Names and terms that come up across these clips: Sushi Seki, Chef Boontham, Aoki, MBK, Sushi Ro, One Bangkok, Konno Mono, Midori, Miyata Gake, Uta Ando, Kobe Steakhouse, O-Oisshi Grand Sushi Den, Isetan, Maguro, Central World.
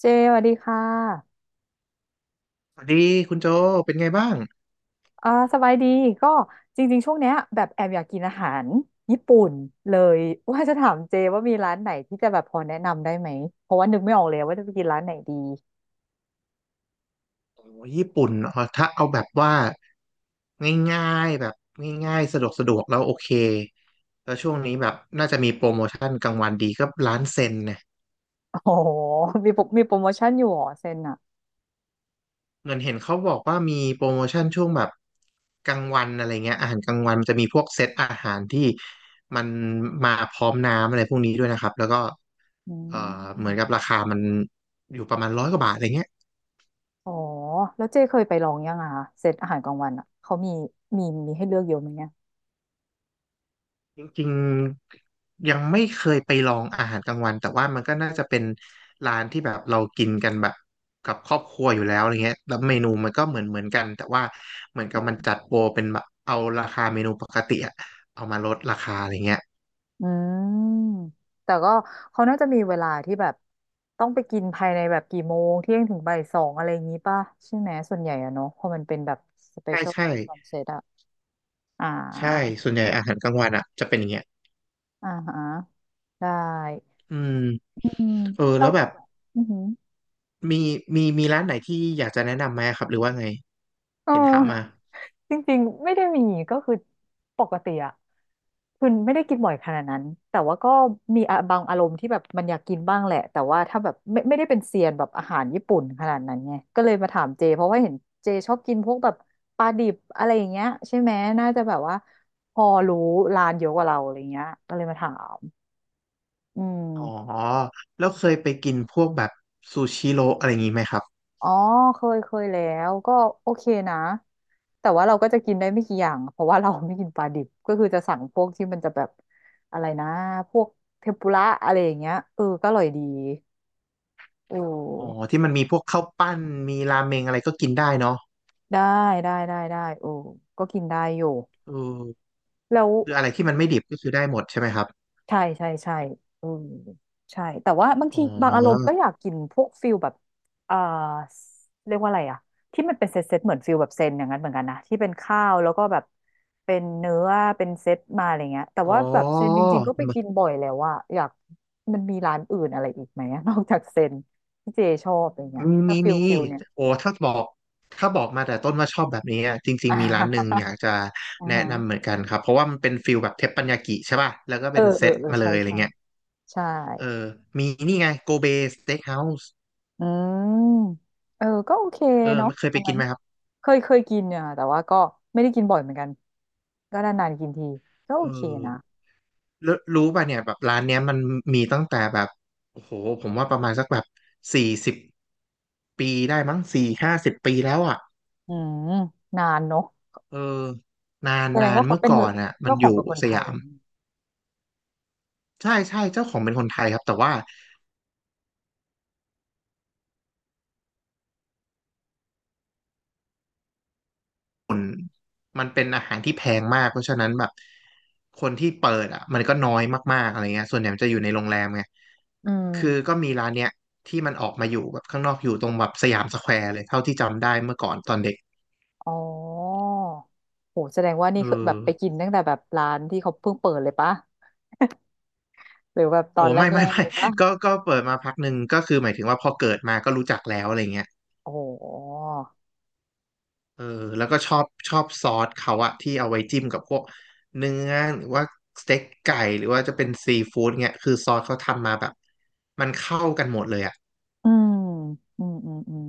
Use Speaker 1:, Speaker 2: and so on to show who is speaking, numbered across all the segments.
Speaker 1: เจสวัสดีค่ะ
Speaker 2: สวัสดีคุณโจเป็นไงบ้าง
Speaker 1: อ่าสบายดีก็จริงๆ ช่วงเนี้ยแบบแอบอยากกินอาหารญี่ปุ่นเลยว่าจะถามเจว่ามีร้านไหนที่จะแบบพอแนะนำได้ไหมเพราะว่านึกไม่ออกเลยว่าจะไปกินร้านไหนดี
Speaker 2: โอ้ยญี่ปุ่นถ้าเอาแบบว่าง่ายๆแบบง่ายๆสะดวกสะดวกแล้วโอเคแล้วช่วงนี้แบบน่าจะมีโปรโมชั่นกลางวันดีก็ร้านเซ็นเนี่ย
Speaker 1: โอ๋อมีโปรโมชั่นอยู่เหรอเซนอ่ะ
Speaker 2: เงินเห็นเขาบอกว่ามีโปรโมชั่นช่วงแบบกลางวันอะไรเงี้ยอาหารกลางวันมันจะมีพวกเซตอาหารที่มันมาพร้อมน้ำอะไรพวกนี้ด้วยนะครับแล้วก็
Speaker 1: อื
Speaker 2: เอ่อเหมือนกับ
Speaker 1: ม
Speaker 2: ราคามันอยู่ประมาณร้อยกว่าบาทอะไรเงี้ย
Speaker 1: อ๋อแล้วเจเคยไปลองยังอ่ะเซตอาหารกลางวันอ่ะเขามีให้เลือกเยอะไหมเนี่ย
Speaker 2: จริงๆยังไม่เคยไปลองอาหารกลางวันแต่ว่ามันก็น่าจะเป็นร้านที่แบบเรากินกันแบบกับครอบครัวอยู่แล้วอะไรเงี้ยแล้วเมนูมันก็เหมือนกันแต่ว่าเหมือนกับมันจัดโปรเป็นแบบเอาราคาเมนูปกติอะเอามาลดราคาอะไรเงี้ย
Speaker 1: อืมแต่ก็เขาน่าจะมีเวลาที่แบบต้องไปกินภายในแบบกี่โมงเที่ยงถึงบ่ายสองอะไรอย่างนี้ป่ะใช่ไหมส่วนใหญ่อะเนาะเพราะมันเป็นแบบสเป
Speaker 2: ใช่
Speaker 1: เชียล
Speaker 2: ใช่
Speaker 1: คอนเซ็ปต์อะอ่า
Speaker 2: ใช่ส่วนใหญ่อาหารกลางวันอะจะเป็นอย่างเงี้ย
Speaker 1: อ่าฮะได้
Speaker 2: อืม
Speaker 1: อืม
Speaker 2: เออ
Speaker 1: เรา
Speaker 2: แล้วแบบ
Speaker 1: อือหือ
Speaker 2: มีมีร้านไหนที่อยากจะแนะนำไหมครับหรือว่าไง
Speaker 1: อ๋
Speaker 2: เห็นถามมา
Speaker 1: อจริงๆไม่ได้มีก็คือปกติอะ คือไม่ได้กินบ่อยขนาดนั้นแต่ว่าก็มีอะบางอารมณ์ที่แบบมันอยากกินบ้างแหละแต่ว่าถ้าแบบไม่ได้เป็นเซียนแบบอาหารญี่ปุ่นขนาดนั้นไงก็เลยมาถามเจเพราะว่าเห็นเจชอบกินพวกแบบปลาดิบอะไรอย่างเงี้ยใช่ไหมน่าจะแบบว่าพอรู้ร้านเยอะกว่าเราอะไรเงี้ยก็เลยมาถามอื
Speaker 2: อ๋อ
Speaker 1: ม
Speaker 2: แล้วเคยไปกินพวกแบบซูชิโรอะไรอย่างงี้ไหมครับ
Speaker 1: อ๋อเคยเคยแล้วก็โอเคนะแต่ว่าเราก็จะกินได้ไม่กี่อย่างเพราะว่าเราไม่กินปลาดิบก็คือจะสั่งพวกที่มันจะแบบอะไรนะพวกเทมปุระอะไรอย่างเงี้ยเออก็อร่อยดี โอ้
Speaker 2: อ๋อที่มันมีพวกข้าวปั้นมีราเมงอะไรก็กินได้เนาะ
Speaker 1: ได้ได้ได้ได้โอ้ก็กินได้อยู่
Speaker 2: เออ
Speaker 1: แล้ว
Speaker 2: คืออะไรที่มันไม่ดิบก็คือได้หมดใช่ไหมครับ
Speaker 1: ใช่ใช่ใช่อืมใช่แต่ว่าบาง
Speaker 2: อ๋
Speaker 1: ทีบางอารมณ์
Speaker 2: อ
Speaker 1: ก็อยากกินพวกฟิลแบบเอ่อเรียกว่าอะไรอะที่มันเป็นเซตเหมือนฟิลแบบเซนอย่างนั้นเหมือนกันนะที่เป็นข้าวแล้วก็แบบเป็นเนื้อเป็นเซตมาอะไรเงี้ยแต่
Speaker 2: อ๋
Speaker 1: ว่า
Speaker 2: อ
Speaker 1: แบบเซนจริงๆก็ไปกินบ่อยแล้วว่าอะอยากมันมีร้านอื่นอะไรอีกไหมอะ นอกจากเซนที่เจชอบอะไรเงี้ย
Speaker 2: มี
Speaker 1: ถ้า
Speaker 2: มี
Speaker 1: ฟิล
Speaker 2: มี
Speaker 1: ฟิลเนี่ย
Speaker 2: โอ้ถ้าบอกมาแต่ต้นว่าชอบแบบนี้อะจริงๆมีร้านหนึ่งอ ยากจะ
Speaker 1: อ่า
Speaker 2: แนะนำเหมื
Speaker 1: ฮะ
Speaker 2: อนกันครับเพราะว่ามันเป็นฟิลแบบเทปปัญญากิใช่ป่ะแล้วก็
Speaker 1: เอ
Speaker 2: เป็
Speaker 1: อ
Speaker 2: นเซ
Speaker 1: เออ
Speaker 2: ต
Speaker 1: เออ
Speaker 2: มาเล
Speaker 1: ใช่
Speaker 2: ยอะไร
Speaker 1: ใช่
Speaker 2: เงี้ย
Speaker 1: ใช่
Speaker 2: เออมีนี่ไงโกเบสเต็กเฮาส์
Speaker 1: อืมเออก็โอเค
Speaker 2: เออ
Speaker 1: เนาะ
Speaker 2: มันเคยไป
Speaker 1: อัน
Speaker 2: กิ
Speaker 1: นั้
Speaker 2: น
Speaker 1: น
Speaker 2: ไหมครับ
Speaker 1: เคยเคยกินเนี่ยแต่ว่าก็ไม่ได้กินบ่อยเหมือนกันก็นานๆกินทีก็โอ
Speaker 2: เอ
Speaker 1: เค
Speaker 2: อ
Speaker 1: นะ
Speaker 2: รู้ป่ะเนี่ยแบบร้านเนี้ยมันมีตั้งแต่แบบโอ้โหผมว่าประมาณสักแบบ40 ปีได้มั้ง40-50ปีแล้วอ่ะ
Speaker 1: อืมนานเนาะ
Speaker 2: เออนาน
Speaker 1: แสดง
Speaker 2: นาน
Speaker 1: ว่าเขา
Speaker 2: เมื่อ
Speaker 1: เป็น
Speaker 2: ก่อนอ่ะมัน
Speaker 1: เจ้าข
Speaker 2: อ
Speaker 1: อง
Speaker 2: ยู่
Speaker 1: เป็นคน
Speaker 2: ส
Speaker 1: ไทย
Speaker 2: ยามใช่ใช่เจ้าของเป็นคนไทยครับแต่ว่ามันเป็นอาหารที่แพงมากเพราะฉะนั้นแบบคนที่เปิดอ่ะมันก็น้อยมากๆอะไรเงี้ยส่วนใหญ่มันจะอยู่ในโรงแรมไง
Speaker 1: อื
Speaker 2: คือ
Speaker 1: ม
Speaker 2: ก็มีร้านเนี้ยที่มันออกมาอยู่แบบข้างนอกอยู่ตรงแบบสยามสแควร์เลยเท่าที่จำได้เมื่อก่อนตอนเด็ก
Speaker 1: อ๋อโหแสดงว่านี่
Speaker 2: เอ
Speaker 1: คือแบ
Speaker 2: อ
Speaker 1: บไปกินตั้งแต่แบบร้านที่เขาเพิ่งเปิดเลยปะหรือแบบตอ
Speaker 2: โอ้
Speaker 1: นแร
Speaker 2: ไม่ไม่
Speaker 1: กๆ
Speaker 2: ไม่
Speaker 1: เลยปะ
Speaker 2: ก็เปิดมาพักหนึ่งก็คือหมายถึงว่าพอเกิดมาก็รู้จักแล้วอะไรเงี้ย
Speaker 1: โอ้โห
Speaker 2: เออแล้วก็ชอบซอสเขาอะที่เอาไว้จิ้มกับพวกเนื้อหรือว่าสเต็กไก่หรือว่าจะเป็นซีฟู้ดเงี้ยคือซอสเขาทำมาแบบมันเข้ากันหมดเลยอะ
Speaker 1: อืมอืมอืมอืม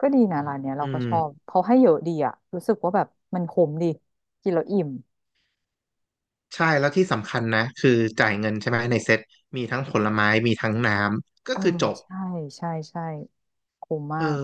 Speaker 1: ก็ดีนะร้านเนี้ยเรา
Speaker 2: อื
Speaker 1: ก็
Speaker 2: ม
Speaker 1: ชอบเขาให้เยอะดีอะรู้สึกว่าแบบมันคุ้มดีกินแล้วอิ่ม
Speaker 2: ใช่แล้วที่สำคัญนะคือจ่ายเงินใช่ไหมในเซ็ตมีทั้งผลไม้มีทั้งน้ำก็
Speaker 1: เออ
Speaker 2: คือจบ
Speaker 1: ใช่ใช่ใช่คุ้มมา
Speaker 2: เออ
Speaker 1: ก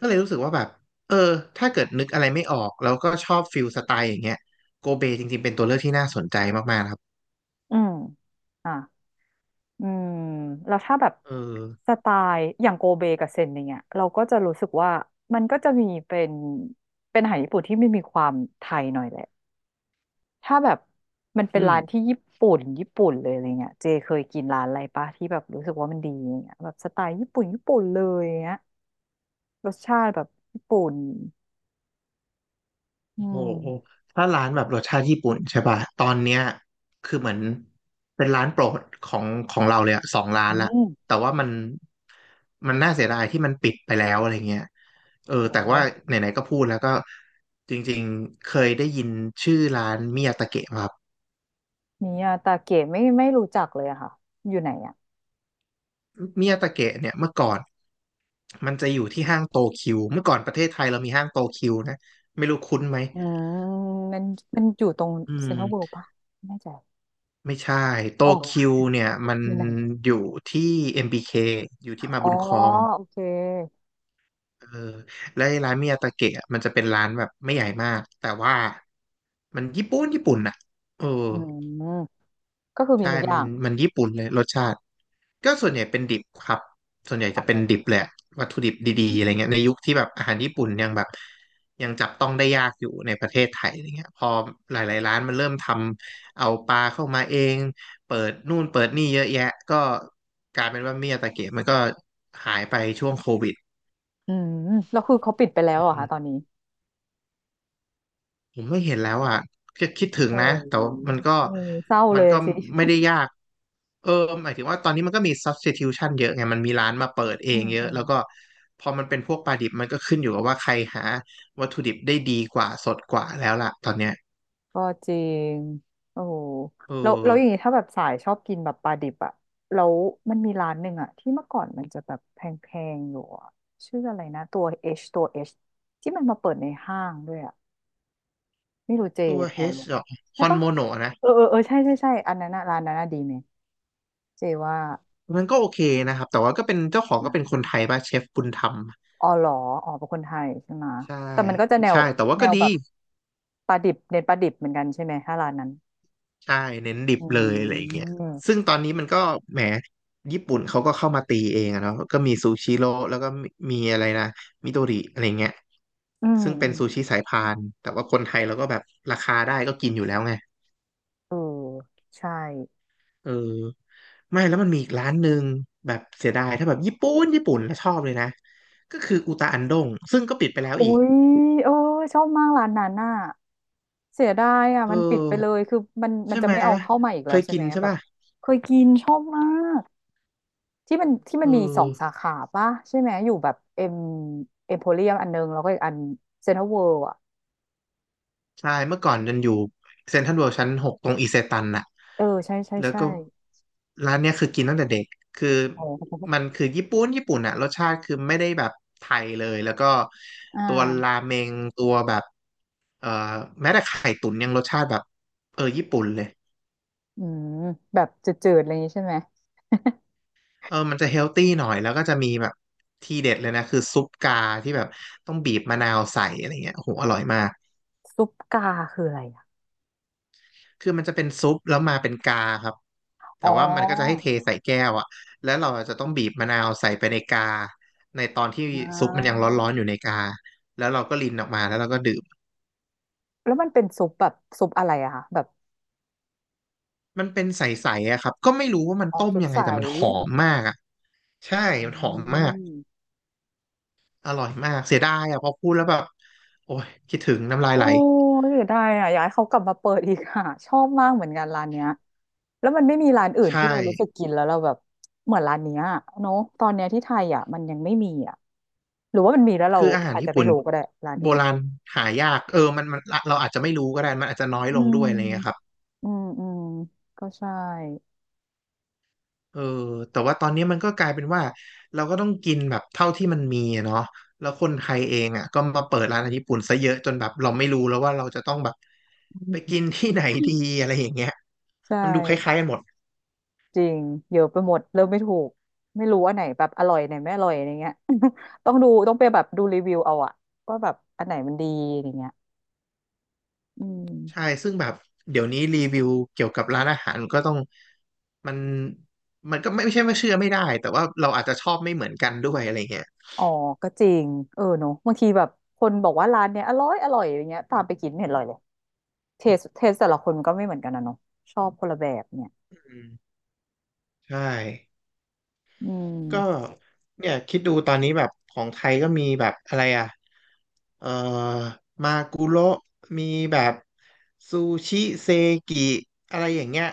Speaker 2: ก็เลยรู้สึกว่าแบบเออถ้าเกิดนึกอะไรไม่ออกแล้วก็ชอบฟิลสไตล์อย่างเงี้ยโกเบจริงๆเป็นตัวเลือกที่น่าสนใจมากๆนะครับ
Speaker 1: อืมอ่ะอืมแล้วถ้าแบบ
Speaker 2: เออ
Speaker 1: สไตล์อย่างโกเบกับเซนอย่างเงี้ยเราก็จะรู้สึกว่ามันก็จะมีเป็นอาหารญี่ปุ่นที่ไม่มีความไทยหน่อยแหละถ้าแบบมันเป็น
Speaker 2: อืม
Speaker 1: ร้านที่ญี่ปุ่นญี่ปุ่นเลยอะไรเงี้ยเจเคยกินร้านอะไรปะที่แบบรู้สึกว่ามันดีอย่างเงี้ยแบบสไตล์ญี่ปุ่นญี่ปุ่นเลยอย่างเงี้ยรสชาติแบบญี่ปุ่น อื
Speaker 2: โอ้โห
Speaker 1: ม
Speaker 2: ถ้าร้านแบบรสชาติญี่ปุ่นใช่ป่ะตอนเนี้ยคือเหมือนเป็นร้านโปรดของเราเลยอะสองร้าน
Speaker 1: อื
Speaker 2: ละ
Speaker 1: ม
Speaker 2: แต่ว่ามันน่าเสียดายที่มันปิดไปแล้วอะไรเงี้ยเออ
Speaker 1: โห
Speaker 2: แต่ว่าไหนๆก็พูดแล้วก็จริงๆเคยได้ยินชื่อร้านมิยาตะเกะครับ
Speaker 1: มิยาตาเกะไม่รู้จักเลยอะค่ะ อยู่ไหนอะ
Speaker 2: มิยาตะเกะเนี่ยเมื่อก่อนมันจะอยู่ที่ห้างโตคิวเมื่อก่อนประเทศไทยเรามีห้างโตคิวนะไม่รู้คุ้นไหม
Speaker 1: อืมมันมันอยู่ตรง
Speaker 2: อื
Speaker 1: เซ็นท
Speaker 2: ม
Speaker 1: รัลเวิลด์ปะไม่แน่ใจ
Speaker 2: ไม่ใช่โตคิ
Speaker 1: โอ้
Speaker 2: วเนี่ยมัน
Speaker 1: อยู่ไหน
Speaker 2: อยู่ที่ MBK อมบีเคอยู่ที่มา
Speaker 1: อ๋อ
Speaker 2: บุญครอง
Speaker 1: โอเค
Speaker 2: เออและไอ้ร้านมิยาตาเกะอะมันจะเป็นร้านแบบไม่ใหญ่มากแต่ว่ามันญี่ปุ่นญี่ปุ่นอ่ะเออ
Speaker 1: อืมก็คือมี
Speaker 2: ใช่
Speaker 1: ทุกอ
Speaker 2: มั
Speaker 1: ย่า
Speaker 2: น
Speaker 1: ง
Speaker 2: มันญี่ปุ่นเลยรสชาติ ก็ส่วนใหญ่เป็นดิบครับ ส่วนใหญ่
Speaker 1: อ๋
Speaker 2: จะเป็นดิ
Speaker 1: อ
Speaker 2: บแหละวัตถุดิบดีๆอะไรเงี้ยในยุคที่แบบอาหารญี่ปุ่นยังแบบยังจับต้องได้ยากอยู่ในประเทศไทยอะไรเงี้ยพอหลายๆร้านมันเริ่มทำเอาปลาเข้ามาเองเปิดนู่นเปิดนี่เยอะแยะก็กลายเป็นว่าเมียตะเกียบมันก็หายไปช่วงโควิด
Speaker 1: อืมแล้วคือเขาปิดไปแล้วเหรอคะตอนนี้
Speaker 2: ผมไม่เห็นแล้วอ่ะก็คิดถึง
Speaker 1: โอ้
Speaker 2: นะ
Speaker 1: โห
Speaker 2: แต่ว่ามันก็
Speaker 1: เออเศร้า
Speaker 2: มั
Speaker 1: เล
Speaker 2: น
Speaker 1: ย
Speaker 2: ก็
Speaker 1: สิ
Speaker 2: ไม่ได้ยากเออหมายถึงว่าตอนนี้มันก็มี substitution เยอะไงมันมีร้านมาเปิดเอ
Speaker 1: อื
Speaker 2: ง
Speaker 1: ม
Speaker 2: เย
Speaker 1: อื
Speaker 2: อะ
Speaker 1: ม
Speaker 2: แล้วก็พอมันเป็นพวกปลาดิบมันก็ขึ้นอยู่กับว่าใครหาวัตถุดิบได้ดีกว่าสดกว่าแล้วล่ะตอนเนี้ย
Speaker 1: ก็จริงโอ้โห
Speaker 2: เออ
Speaker 1: แล้วอย่างนี้ถ้าแบบสายชอบกินแบบปลาดิบอะแล้วมันมีร้านหนึ่งอะที่เมื่อก่อนมันจะแบบแพงๆอยู่อะชื่ออะไรนะตัว H ที่มันมาเปิดในห้างด้วยอะไม่รู้เจ
Speaker 2: ตัว
Speaker 1: พ
Speaker 2: H
Speaker 1: อรู้
Speaker 2: เหร
Speaker 1: ปะ
Speaker 2: อค
Speaker 1: ใช่
Speaker 2: อน
Speaker 1: ปะ
Speaker 2: โมโนนะ
Speaker 1: เออเออเออใช่ใช่ใช่อันนั้นอะร้านนั้นอะดีไหมเจว่า
Speaker 2: มันก็โอเคนะครับแต่ว่าก็เป็นเจ้าของ
Speaker 1: อ่
Speaker 2: ก็เป็นค
Speaker 1: า
Speaker 2: นไทยป่ะเชฟบุญธรรม
Speaker 1: อ๋อเหรออ๋อเป็นคนไทยใช่ไหมะ
Speaker 2: ใช่
Speaker 1: แต่มันก็จะแนว
Speaker 2: ใช่แต่ว่า
Speaker 1: แน
Speaker 2: ก็
Speaker 1: ว
Speaker 2: ดี
Speaker 1: แบบปลาดิบเน้นปลาดิบเหมือนกันใช่ไหมถ้าร้านนั้น
Speaker 2: ใช่เน้นดิบ
Speaker 1: อื
Speaker 2: เลยอะไรอย่างเงี้ยซึ่
Speaker 1: ม
Speaker 2: งตอนนี้มันก็แหมญี่ปุ่นเขาก็เข้ามาตีเองอะเนาะก็มีซูชิโร่แล้วก็มีอะไรนะมิโดริอะไรเงี้ย
Speaker 1: อืม
Speaker 2: ซึ่งเป็นซูชิสายพานแต่ว่าคนไทยเราก็แบบราคาได้ก็กินอยู่แล้วไง
Speaker 1: เออใช่
Speaker 2: เออไม่แล้วมันมีอีกร้านหนึ่งแบบเสียดายถ้าแบบญี่ปุ่นญี่ปุ่นแล้วชอบเลยนะก็คืออุตาอันดงซึ่งก็ปิดไปแล้ว
Speaker 1: โอ้
Speaker 2: อีก
Speaker 1: ยเออชอบมากร้านนั้นน่ะเสียดายอ่ะ
Speaker 2: เอ
Speaker 1: มันปิดไปเล
Speaker 2: อ
Speaker 1: ยคือมัน
Speaker 2: ใช่
Speaker 1: จะ
Speaker 2: ไหม
Speaker 1: ไม่เอาเข้ามาอีก
Speaker 2: เค
Speaker 1: แล้ว
Speaker 2: ย
Speaker 1: ใช่
Speaker 2: กิ
Speaker 1: ไหม
Speaker 2: นใช่
Speaker 1: แบบ
Speaker 2: ป่ะ
Speaker 1: เคยกินชอบมากที่มันที่มั
Speaker 2: เออ
Speaker 1: นมีสองสาขาป่ะใช่ไหมอยู่แบบเอ็มโพเรียมอันนึงแล้วก็อีกอันเซ็นทรัลเวิลด์อ่ะ
Speaker 2: ใช่เมื่อก่อนยันอยู่เซ็นทรัลเวิลด์ชั้นหกตรงอิเซตันน่ะ
Speaker 1: เออใช่ใช่
Speaker 2: แล้ว
Speaker 1: ใช่
Speaker 2: ก็ร้านเนี้ยคือกินตั้งแต่เด็กคือ
Speaker 1: อ๋
Speaker 2: มัน
Speaker 1: อ
Speaker 2: คือญี่ปุ่นญี่ปุ่นอะรสชาติคือไม่ได้แบบไทยเลย แล้วก็
Speaker 1: อ่
Speaker 2: ตัวรา
Speaker 1: า
Speaker 2: เมงตัวแบบเอ่อแม้แต่ไข่ตุ๋นยังรสชาติแบบเออญี่ปุ่นเลย
Speaker 1: อืมแบบจืดๆอะไรอย่างนี้ใช่ไหม
Speaker 2: เออมันจะเฮลตี้หน่อยแล้วก็จะมีแบบทีเด็ดเลยนะคือซุปกาที่แบบต้องบีบมะนาวใส่อะไรเงี้ยโอ้โหอร่อยมาก
Speaker 1: ซุปกาคืออะไรอะ
Speaker 2: คือมันจะเป็นซุปแล้วมาเป็นกาครับ
Speaker 1: อ๋
Speaker 2: แต่ว่ามันก็จะให้
Speaker 1: อ
Speaker 2: เทใส่แก้วอะแล้วเราจะต้องบีบมะนาวใส่ไปในกาในตอนที่
Speaker 1: อ่
Speaker 2: ซุปมันยัง
Speaker 1: า
Speaker 2: ร้อนๆอยู่ในกาแล้วเราก็รินออกมาแล้วเราก็ดื่ม
Speaker 1: แล้วมันเป็นซุปแบบซุปอะไรอะคะแบบ
Speaker 2: มันเป็นใสๆอะครับก็ไม่รู้ว่ามัน
Speaker 1: อ๋อ
Speaker 2: ต้ม
Speaker 1: สุด
Speaker 2: ยังไง
Speaker 1: ใส
Speaker 2: แต่มันหอมมากอะใช่
Speaker 1: อื
Speaker 2: มันหอมมาก
Speaker 1: ม
Speaker 2: อร่อยมากเสียดายอะพอพูดแล้วแบบโอ้ยคิดถึงน้ำลาย
Speaker 1: โอ้
Speaker 2: ไหล
Speaker 1: ยเสียดายอ่ะอยากให้เขากลับมาเปิดอีกค่ะชอบมากเหมือนกันร้านเนี้ยแล้วมันไม่มีร้านอื่น
Speaker 2: ใช่
Speaker 1: ที่เรารู้สึกกินแล้วเราแบบเหมือนร้านเนี้ยเนาะตอนเนี้ยที่ไทยอ่ะมันยังไม่มีอ่ะหรือว่ามันมีแล้วเรา
Speaker 2: คืออาหาร
Speaker 1: อาจจะ
Speaker 2: ญี่
Speaker 1: ไม่
Speaker 2: ปุ่น
Speaker 1: รู้ก็ได้ร้าน
Speaker 2: โบ
Speaker 1: อื่น
Speaker 2: ราณหายากเออมันเราอาจจะไม่รู้ก็ได้มันอาจจะน้อย
Speaker 1: อื
Speaker 2: ลงด้วยอะไรเงี้ยค
Speaker 1: ม
Speaker 2: รับ
Speaker 1: อืมอืมก็ใช่
Speaker 2: เออแต่ว่าตอนนี้มันก็กลายเป็นว่าเราก็ต้องกินแบบเท่าที่มันมีอะเนาะแล้วคนไทยเองอ่ะก็มาเปิดร้านอาหารญี่ปุ่นซะเยอะจนแบบเราไม่รู้แล้วว่าเราจะต้องแบบไป
Speaker 1: อืม
Speaker 2: กินที่ไหนดีอะไรอย่างเงี้ย
Speaker 1: ใช่
Speaker 2: มันดูคล้ายๆกันหมด
Speaker 1: จริงเยอะไปหมดเริ่มไม่ถูกไม่รู้ว่าไหนแบบอร่อยไหนไม่อร่อยอะไรเงี้ย ต้องดูต้องไปแบบดูรีวิวเอาอะว่าแบบอันไหนมันดีอะไรเงี้ย อื
Speaker 2: ใช่
Speaker 1: ม
Speaker 2: ซึ่งแบบเดี๋ยวนี้รีวิวเกี่ยวกับร้านอาหารก็ต้องมันมันก็ไม่ใช่ไม่าเชื่อไม่ได้แต่ว่าเราอาจจะชอบไม่เหมือนกันด้วยอะไรเงี้ย
Speaker 1: อ๋อ ก็จริงเออเนอะบางทีแบบคนบอกว่าร้านเนี้ยอร่อยอร่อยอย่างเงี้ยตามไปกินไม่เห็นอร่อยเลยเทสเทสแต่ละคนก็ไม่เหมือนกันนะเนอะชอบคนละแบบเนี่ย
Speaker 2: อืมใช่
Speaker 1: อื
Speaker 2: ก็
Speaker 1: ม
Speaker 2: เนี่ยคิดดูตอนนี้แบบของไทยก็มีแบบอะไรอ่ะเอ่อมากุโระมีแบบซูชิเซกิอะไรอย่างเงี้ย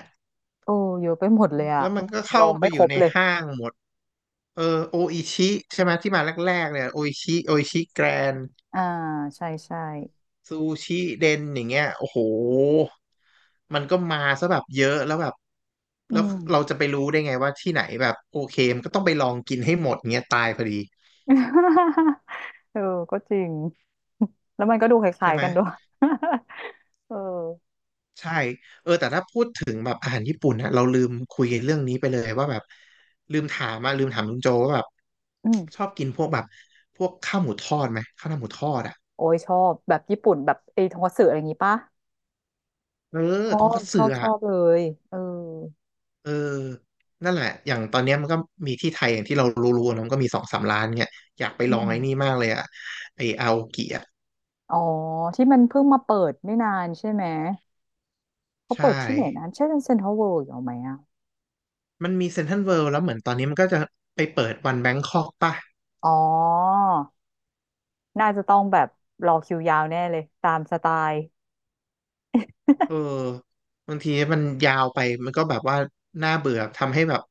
Speaker 1: โอ้เยอะไปหมดเลยอะ
Speaker 2: แล้วมันก็
Speaker 1: ล
Speaker 2: เข้า
Speaker 1: อง
Speaker 2: ไป
Speaker 1: ไม่
Speaker 2: อ
Speaker 1: ค
Speaker 2: ยู่
Speaker 1: รบ
Speaker 2: ใน
Speaker 1: เลย
Speaker 2: ห้างหมดเออโออิชิใช่ไหมที่มาแรกๆเนี่ยโออิชิโออิชิแกรน
Speaker 1: อ่าใช่ใช่
Speaker 2: ซูชิเดนอย่างเงี้ยโอ้โหมันก็มาซะแบบเยอะแล้วแบบ
Speaker 1: อื
Speaker 2: แล้ว
Speaker 1: ม
Speaker 2: เราจะไปรู้ได้ไงว่าที่ไหนแบบโอเคมันก็ต้องไปลองกินให้หมดเงี้ยตายพอดี
Speaker 1: เออก็จริงแล้วมันก็ดูค
Speaker 2: ใช่
Speaker 1: ล้าย
Speaker 2: ไหม
Speaker 1: ๆกันด้วย เออ
Speaker 2: ใช่เออแต่ถ้าพูดถึงแบบอาหารญี่ปุ่นนะเราลืมคุยเรื่องนี้ไปเลยว่าแบบลืมถามมาลืมถามลุงโจว่าแบบ
Speaker 1: อืม
Speaker 2: ชอบกินพวกแบบพวกข้าวหมูทอดไหมข้าวหน้าหมูทอดอ่ะ
Speaker 1: โอ้ยชอบแบบญี่ปุ่นแบบไอ้ทงคัตสึอะไรอย่างงี้ปะ
Speaker 2: เออ
Speaker 1: ชอ
Speaker 2: ทง
Speaker 1: บ
Speaker 2: คัต
Speaker 1: ช
Speaker 2: สึ
Speaker 1: อบช
Speaker 2: อ่ะ
Speaker 1: อบเลยเออ
Speaker 2: เออนั่นแหละอย่างตอนเนี้ยมันก็มีที่ไทยอย่างที่เรารู้ๆนะมันก็มีสองสามร้านเนี่ยอยากไป
Speaker 1: อื
Speaker 2: ลอง
Speaker 1: ม
Speaker 2: ไอ้นี่มากเลยอ่ะไออาโอกิอ่ะ
Speaker 1: อ๋อที่มันเพิ่งมาเปิดไม่นานใช่ไหมเขา
Speaker 2: ใช่
Speaker 1: เปิดที่ไหนนะใช่เซ็นทรัลเวิลด์อยู่ไหมอ่ะ
Speaker 2: มันมีเซ็นทรัลเวิลด์แล้วเหมือนตอนนี้มันก็จะไปเปิดวันแบงคอกป่ะ
Speaker 1: อ๋อน่าจะต้องแบบรอคิวยาวแน่เลยตามสไตล์
Speaker 2: เออบางทีมันยาวไปมันก็แบบว่าน่าเบื่อทำให้แบบ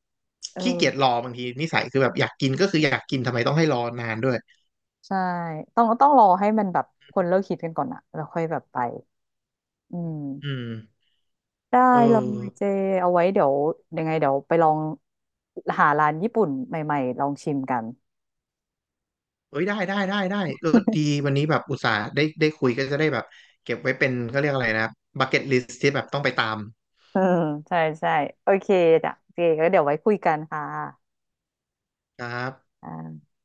Speaker 1: เออ
Speaker 2: ขี้เกียจรอบางทีนิสัยคือแบบอยากกินก็คืออยากกินทำไมต้องให้รอนานด้วย
Speaker 1: ใช่ต้องรอให้มันแบบคนเลิกคิดกันก่อนอะแล้วค่อยแบบไปอืม
Speaker 2: อืม
Speaker 1: ได้
Speaker 2: เอ
Speaker 1: เลยเจ
Speaker 2: อ
Speaker 1: เอาไว้เดี๋ยวยังไงเดี๋ยวไปลองหาร้านญี่ปุ่นใหม่ๆลองชิมกัน
Speaker 2: เอ้ยได้ก็ดี วันนี้แบบอุตส่าห์ได้คุยก็จะได้แบบเก็บไว้เป็นก็เรียกอะไรนะบักเก็ตลิสที่แบบต้องไปตาม
Speaker 1: เอืใช่ใช่โอเคจ้ะโอเคก็เดี๋ยวไว้คุยกันค่ะ
Speaker 2: ครับ
Speaker 1: อ่า